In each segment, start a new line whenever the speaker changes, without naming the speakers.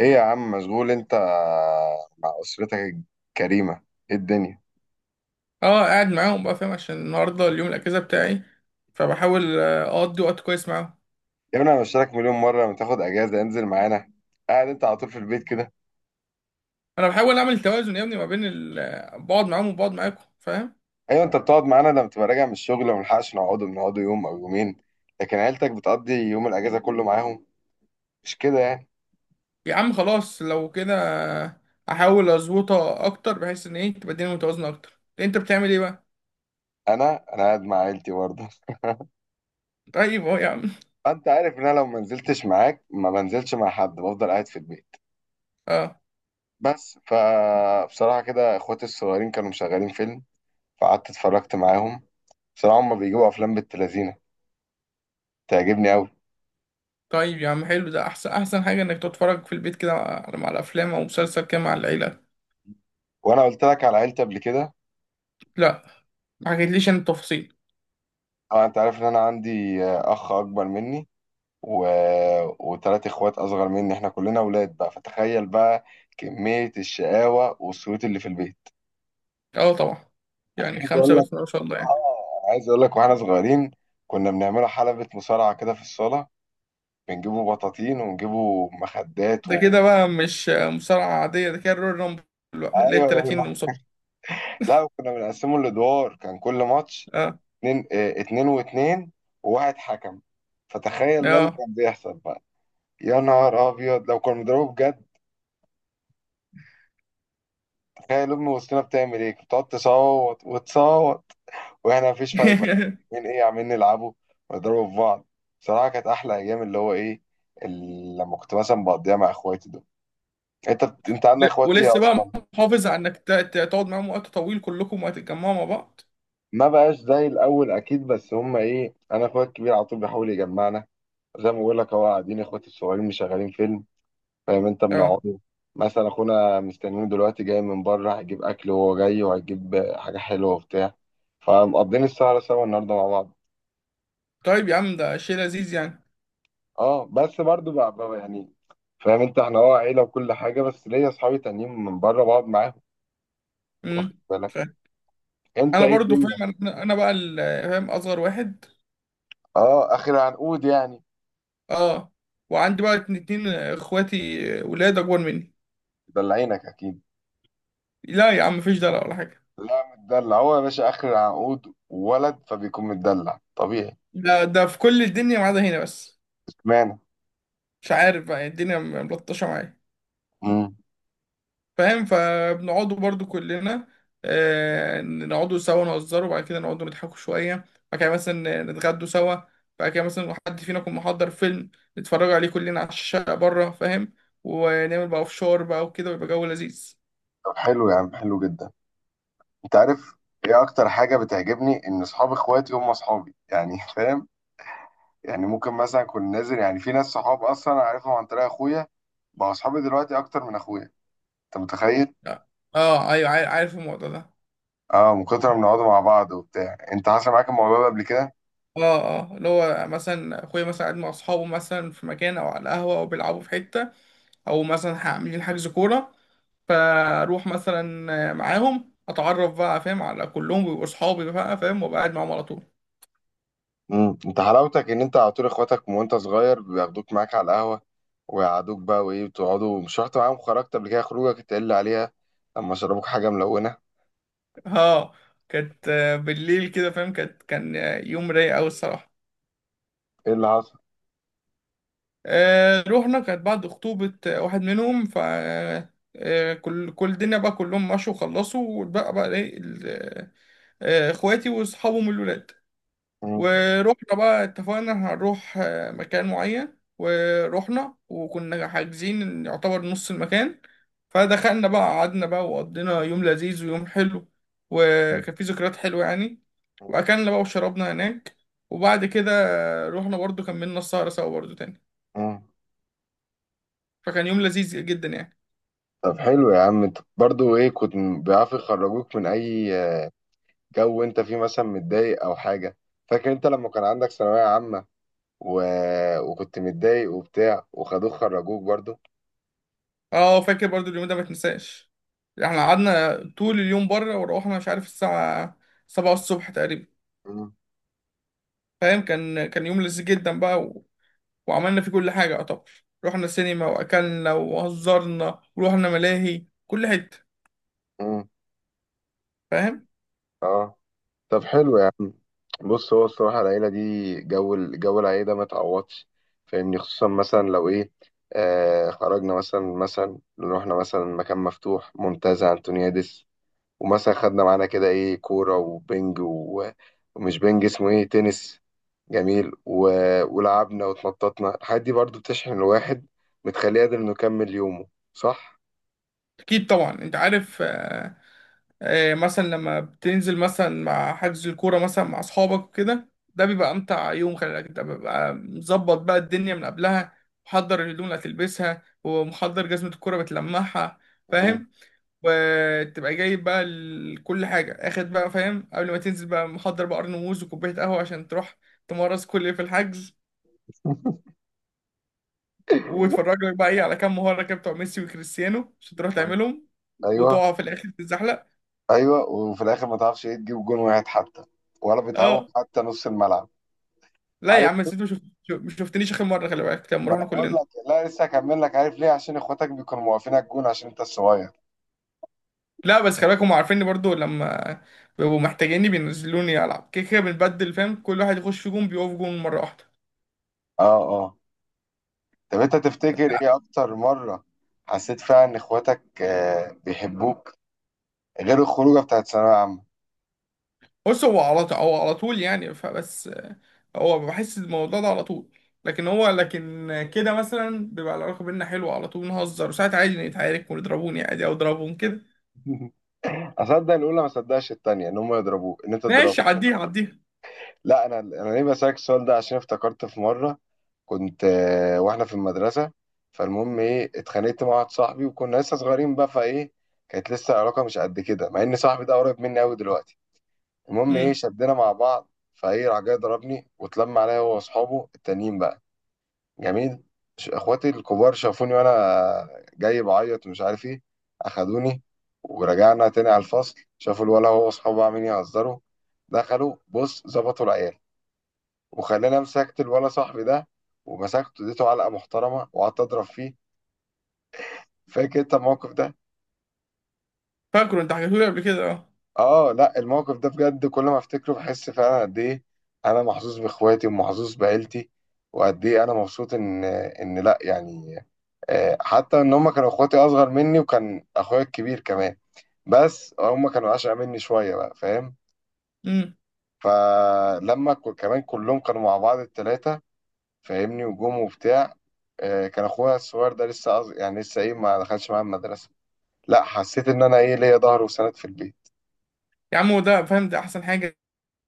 ايه يا عم، مشغول انت مع اسرتك الكريمه؟ ايه الدنيا؟
اه، قاعد معاهم بقى، فاهم؟ عشان النهارده اليوم الاجازه بتاعي. فبحاول اقضي وقت كويس معاهم.
يا ابني انا بشترك مليون مره لما تاخد اجازه انزل معانا. قاعد انت على طول في البيت كده.
انا بحاول اعمل توازن يا ابني ما بين بقعد معاهم وبقعد معاكم، فاهم؟
ايوه، انت بتقعد معانا لما تبقى راجع من الشغل وما نلحقش نقعد، بنقعد يوم او يومين. لكن عيلتك بتقضي يوم الاجازه كله معاهم، مش كده يعني؟
يا عم خلاص، لو كده احاول اظبطها اكتر بحيث ان، ايه، تبقى الدنيا متوازنه اكتر. انت بتعمل ايه بقى؟
انا قاعد مع عيلتي برضه.
طيب، اهو يا عم.
انت عارف ان انا لو ما نزلتش معاك ما بنزلش مع حد، بفضل قاعد في البيت.
اه.
بس فبصراحه كده اخواتي الصغيرين كانوا مشغلين فيلم، فقعدت اتفرجت معاهم. بصراحة هما بيجيبوا أفلام بالتلازينة تعجبني قوي.
طيب يا عم، حلو ده، احسن احسن حاجه انك تتفرج في البيت كده مع الافلام او مسلسل كده مع العيله.
وانا قلت لك على عيلتي قبل كده.
لا، ما حكيتليش عن التفاصيل.
اه، انت عارف ان انا عندي اخ اكبر مني و... وثلاث اخوات اصغر مني، احنا كلنا اولاد بقى. فتخيل بقى كمية الشقاوة والصوت اللي في البيت.
اه، طبعا. يعني
عايز
خمسه
اقول لك،
بس، ما شاء الله، يعني.
اه عايز اقول لك، واحنا صغيرين كنا بنعملها حلبة مصارعة كده في الصالة. بنجيبوا بطاطين ونجيبوا مخدات
ده كده بقى مش مصارعة عادية، ده كده الرويال رامبل بقى، اللي هي
ايوه
ال
الراجل
30
ده.
مصارع.
لا، وكنا بنقسمه لادوار، كان كل ماتش
اه،
اتنين، اتنين واتنين، وواحد حكم. فتخيل بقى اللي
اه.
كان بيحصل بقى. يا نهار ابيض لو كنا بنضربه بجد. تخيل امي وسطنا بتعمل ايه، كانت بتقعد تصوت وتصوت، واحنا مفيش فايده. من ايه عمالين نلعبه ونضربه في بعض. بصراحه كانت احلى ايام، اللي هو ايه، لما كنت مثلا بقضيها مع اخواتي دول. انت عندك اخوات ايه
ولسه بقى
اصلا؟
محافظ على انك تقعد معاهم وقت طويل كلكم وهتتجمعوا مع بعض.
ما بقاش زي الاول اكيد، بس هم ايه، انا اخويا الكبير على طول بيحاول يجمعنا. زي ما بقول لك اهو، قاعدين اخواتي الصغيرين مشغلين فيلم، فاهم انت،
اه.
بنقعد. مثلا اخونا مستنينه دلوقتي جاي من بره، هيجيب اكل وهو جاي، وهيجيب حاجه حلوه وبتاع. فمقضين السهره سوا النهارده مع بعض.
طيب يا عم، ده شيء لذيذ يعني.
اه، بس برضو بقى يعني. فاهم انت، احنا اه عيله وكل حاجه، بس ليا اصحابي تانيين من بره بقعد معاهم. واخد
امم
بالك.
فاهم.
انت
انا
ايه
برضو
الدنيا؟
فاهم، انا بقى فاهم اصغر واحد.
اه، اخر العنقود يعني.
اه. وعندي بقى اتنين اخواتي ولاد اكبر مني.
مدلعينك اكيد.
لا يا عم، مفيش دلع ولا حاجة.
لا، متدلع هو يا باشا، اخر العنقود ولد فبيكون متدلع طبيعي.
ده في كل الدنيا ما عدا هنا بس.
اشمعنى؟
مش عارف بقى، الدنيا ملطشة معايا.
امم.
فاهم. فبنقعدوا برضو كلنا، نقعدوا سوا نهزروا، وبعد كده نقعدوا نضحكوا شوية. بعد كده مثلا نتغدوا سوا. بعد كده مثلا حد فينا يكون محضر فيلم، نتفرجوا عليه كلنا على الشقة بره، فاهم؟ ونعمل بقى فشار بقى وكده، ويبقى جو لذيذ.
طب حلو يا عم، حلو جدا. انت عارف ايه اكتر حاجه بتعجبني؟ ان اصحاب اخواتي هم اصحابي يعني. فاهم، يعني ممكن مثلا اكون نازل، يعني في ناس صحاب اصلا انا عارفهم عن طريق اخويا، بقى اصحابي دلوقتي اكتر من اخويا. انت متخيل؟
اه. ايوه، عارف الموضوع ده.
اه، من كتر ما بنقعدوا مع بعض وبتاع. انت حصل معاك الموضوع ده قبل كده؟
اه، اه. اللي هو مثلا اخويا مثلا قاعد مع اصحابه مثلا في مكان او على القهوة او بيلعبوا في حتة، او مثلا عاملين حجز كورة. فاروح مثلا معاهم، اتعرف بقى، فاهم، على كلهم بيبقوا اصحابي بقى، فاهم، وابقى قاعد معاهم على طول.
امم، انت حلاوتك ان انت على طول اخواتك من وانت صغير بياخدوك معاك على القهوه، ويقعدوك بقى، وايه بتقعدوا. مش رحت معاهم، خرجت قبل كده خروجك تقل عليها، لما شربوك حاجه ملونه.
اه. كانت بالليل كده، فاهم. كان يوم رايق قوي الصراحه.
ايه اللي حصل؟
رحنا، كانت بعد خطوبه واحد منهم، كل الدنيا بقى كلهم مشوا وخلصوا، واتبقى بقى، ايه، اخواتي واصحابهم الولاد. ورحنا بقى اتفقنا هنروح مكان معين، ورحنا وكنا حاجزين يعتبر نص المكان. فدخلنا بقى، قعدنا بقى، وقضينا يوم لذيذ ويوم حلو. وكان فيه ذكريات حلوة يعني. وأكلنا بقى وشربنا هناك. وبعد كده رحنا برضو، كملنا السهرة سوا برضو تاني.
امم.
فكان يوم لذيذ جدا يعني.
طب حلو يا عم، انت برضو ايه، كنت بيعرفوا يخرجوك من اي جو انت فيه مثلا متضايق او حاجه. فاكر انت لما كان عندك ثانويه عامه و... وكنت متضايق وبتاع وخدوك خرجوك برضو.
اه، فاكر برضو اليوم ده، ما تنساش. احنا قعدنا طول اليوم بره، وروحنا مش عارف الساعة، 7 الصبح تقريبا.
مم.
فاهم. كان يوم لذيذ جدا بقى. وعملنا فيه كل حاجة طبعا. رحنا سينما وأكلنا وهزرنا ورحنا ملاهي كل حتة.
مم.
فاهم.
اه. طب حلو يا عم، بص، هو الصراحه العيله دي، جو جو العيله ده ما تعوضش. فاهمني، خصوصا مثلا لو ايه، آه خرجنا مثلا، رحنا مثلا مكان مفتوح، منتزه انتونيادس، ومثلا خدنا معانا كده ايه، كورة وبنج ومش بنج اسمه ايه، تنس. جميل و... ولعبنا واتنططنا، الحاجات دي برضو بتشحن الواحد، بتخليه قادر انه يكمل يومه، صح؟
أكيد طبعا، أنت عارف. مثلا لما بتنزل مثلا مع حجز الكورة مثلا مع أصحابك وكده، ده بيبقى أمتع يوم، خلي بالك، أنت بيبقى مظبط بقى الدنيا من قبلها، محضر الهدوم اللي هتلبسها، ومحضر جزمة الكورة بتلمعها.
مم.
فاهم. وتبقى جايب بقى كل حاجة، اخد بقى، فاهم، قبل ما تنزل بقى محضر بقى قرن موز وكوباية قهوة عشان تروح تمارس كل اللي في الحجز. وتفرج لك بقى، ايه، على كام مهاره كده بتوع ميسي وكريستيانو عشان تروح
مم.
تعملهم.
ايوه.
وتقع في الاخر تتزحلق.
ايوه، وفي الاخر ما تعرفش ايه تجيب جون واحد حتى، ولا بتعوق
اه.
حتى نص الملعب.
لا يا
عارف،
عم، نسيت. مش شفتنيش اخر مره، خلي بالك لما
ما انا
رحنا
بقول
كلنا.
لك، لا لسه هكمل لك، عارف ليه؟ عشان اخواتك بيكونوا موقفين على الجون عشان انت الصغير.
لا، بس خلي بالك، هم عارفيني برضو لما بيبقوا محتاجيني بينزلوني العب. كده كده بنبدل، فاهم، كل واحد يخش في جون، بيقف جون مره واحده.
اه. اه. طب انت تفتكر ايه اكتر مرة حسيت فيها ان اخواتك آه بيحبوك، غير الخروجه بتاعت ثانويه عامه؟
بص، هو على طول يعني، فبس. هو بحس الموضوع ده على طول. لكن هو، كده مثلا بيبقى العلاقه بينا حلوه على طول، نهزر، وساعات عادي نتعارك ونضربوني عادي او اضربهم كده.
اصدق الاولى ما اصدقش التانية، ان هم يضربوه، ان انت تضربه.
ماشي، عديها عديها.
لا، انا ليه بسالك السؤال ده؟ عشان افتكرت في مره كنت، واحنا في المدرسه، فالمهم ايه، اتخانقت مع واحد صاحبي، وكنا لسه صغيرين بقى، فايه، كانت لسه العلاقه مش قد كده، مع ان صاحبي ده قريب مني قوي دلوقتي. المهم ايه،
امم
شدنا مع بعض، فايه راح جاي ضربني، واتلم عليا هو واصحابه التانيين بقى. جميل. اخواتي الكبار شافوني وانا جاي بعيط ومش عارف ايه، اخدوني ورجعنا تاني على الفصل، شافوا الولا هو واصحابه عاملين يهزروا، دخلوا بص ظبطوا العيال، وخلاني امسكت الولا صاحبي ده، ومسكته اديته علقه محترمه وقعدت اضرب فيه. فاكر انت الموقف ده؟
فاكره، انت حكيته لي قبل كده، اه.
اه، لا الموقف ده بجد، كل ما افتكره بحس فعلا قد ايه انا محظوظ باخواتي ومحظوظ بعيلتي، وقد ايه انا مبسوط ان لا يعني، حتى ان هم كانوا اخواتي اصغر مني، وكان اخويا الكبير كمان، بس هم كانوا اشقى مني شويه بقى، فاهم؟
امم
فلما كمان كلهم كانوا مع بعض التلاتة، فاهمني، وجم وبتاع، كان اخويا الصغير ده لسه يعني لسه ايه، ما دخلش معايا المدرسه. لا، حسيت ان انا ايه، ليا ظهر وسند في البيت.
يا عم، هو ده فاهم، ده احسن حاجه،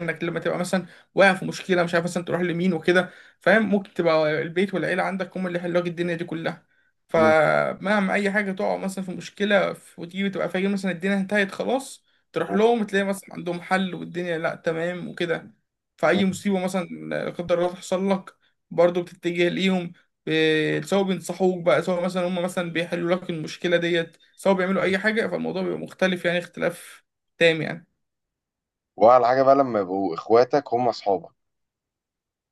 انك لما تبقى مثلا واقع في مشكله، مش عارف مثلا تروح لمين وكده، فاهم، ممكن تبقى البيت والعيله عندك هم اللي يحلوا لك الدنيا دي كلها.
مم.
فمهما اي حاجه تقع مثلا في مشكله، وتيجي تبقى فاكر مثلا الدنيا انتهت خلاص، تروح لهم تلاقي مثلا عندهم حل، والدنيا، لا، تمام وكده.
مم.
فاي مصيبه مثلا، لا قدر الله، تحصل لك، برضه بتتجه ليهم. سواء بينصحوك بقى، سواء مثلا هم مثلا بيحلوا لك المشكله ديت، سواء بيعملوا اي حاجه، فالموضوع بيبقى مختلف يعني، اختلاف تام يعني.
واحلى حاجه بقى لما يبقوا اخواتك هم اصحابك.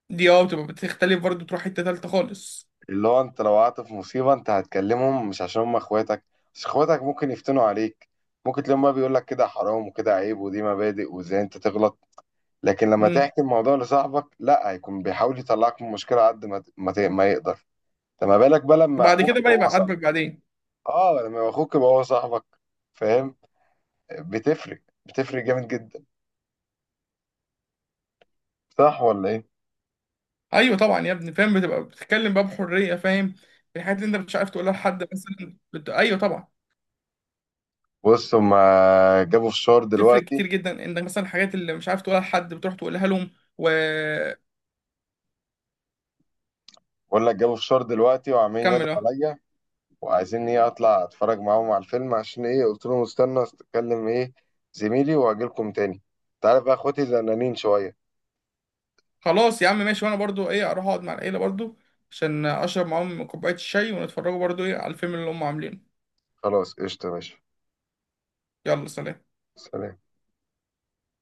دي، بتبقى بتختلف برضه، تروح حتة تالتة خالص.
اللي هو انت لو وقعت في مصيبة انت هتكلمهم مش عشان هم اخواتك، بس اخواتك ممكن يفتنوا عليك، ممكن تلاقيهم بقى بيقول لك كده حرام وكده عيب ودي مبادئ وازاي انت تغلط. لكن لما
امم
تحكي الموضوع لصاحبك، لا هيكون بيحاول يطلعك من المشكلة قد ما ما يقدر. فما بالك بقى لما
وبعد
اخوك
كده
يبقى
بقى
هو
يبقى
صاحبك.
عاجبك بعدين.
اه، لما يبقى اخوك يبقى هو صاحبك، فاهم؟ بتفرق جامد جدا، صح ولا ايه؟
ايوه طبعا يا ابني، فاهم، بتبقى بتتكلم بقى بحرية، فاهم، في الحاجات اللي انت مش عارف تقولها لحد مثلا ايوه طبعا.
بص هما جابوا فشار
بتفرق
دلوقتي.
كتير جدا، انك مثلا الحاجات اللي مش عارف تقولها لحد بتروح تقولها لهم. وكمل.
بقول لك جابوا فشار دلوقتي وعمالين ينادوا
اه.
عليا، وعايزين ايه اطلع اتفرج معاهم على الفيلم، عشان ايه قلت لهم استنى اتكلم ايه زميلي واجيلكم تاني. تعرف بقى اخواتي زنانين شوية.
خلاص يا عم ماشي، وانا برضو، ايه، اروح اقعد مع العيلة برضو، عشان اشرب معاهم كوباية الشاي ونتفرجوا برضو، ايه، على الفيلم اللي هم عاملينه.
خلاص قشطة يا باشا.
يلا، سلام.
سلام.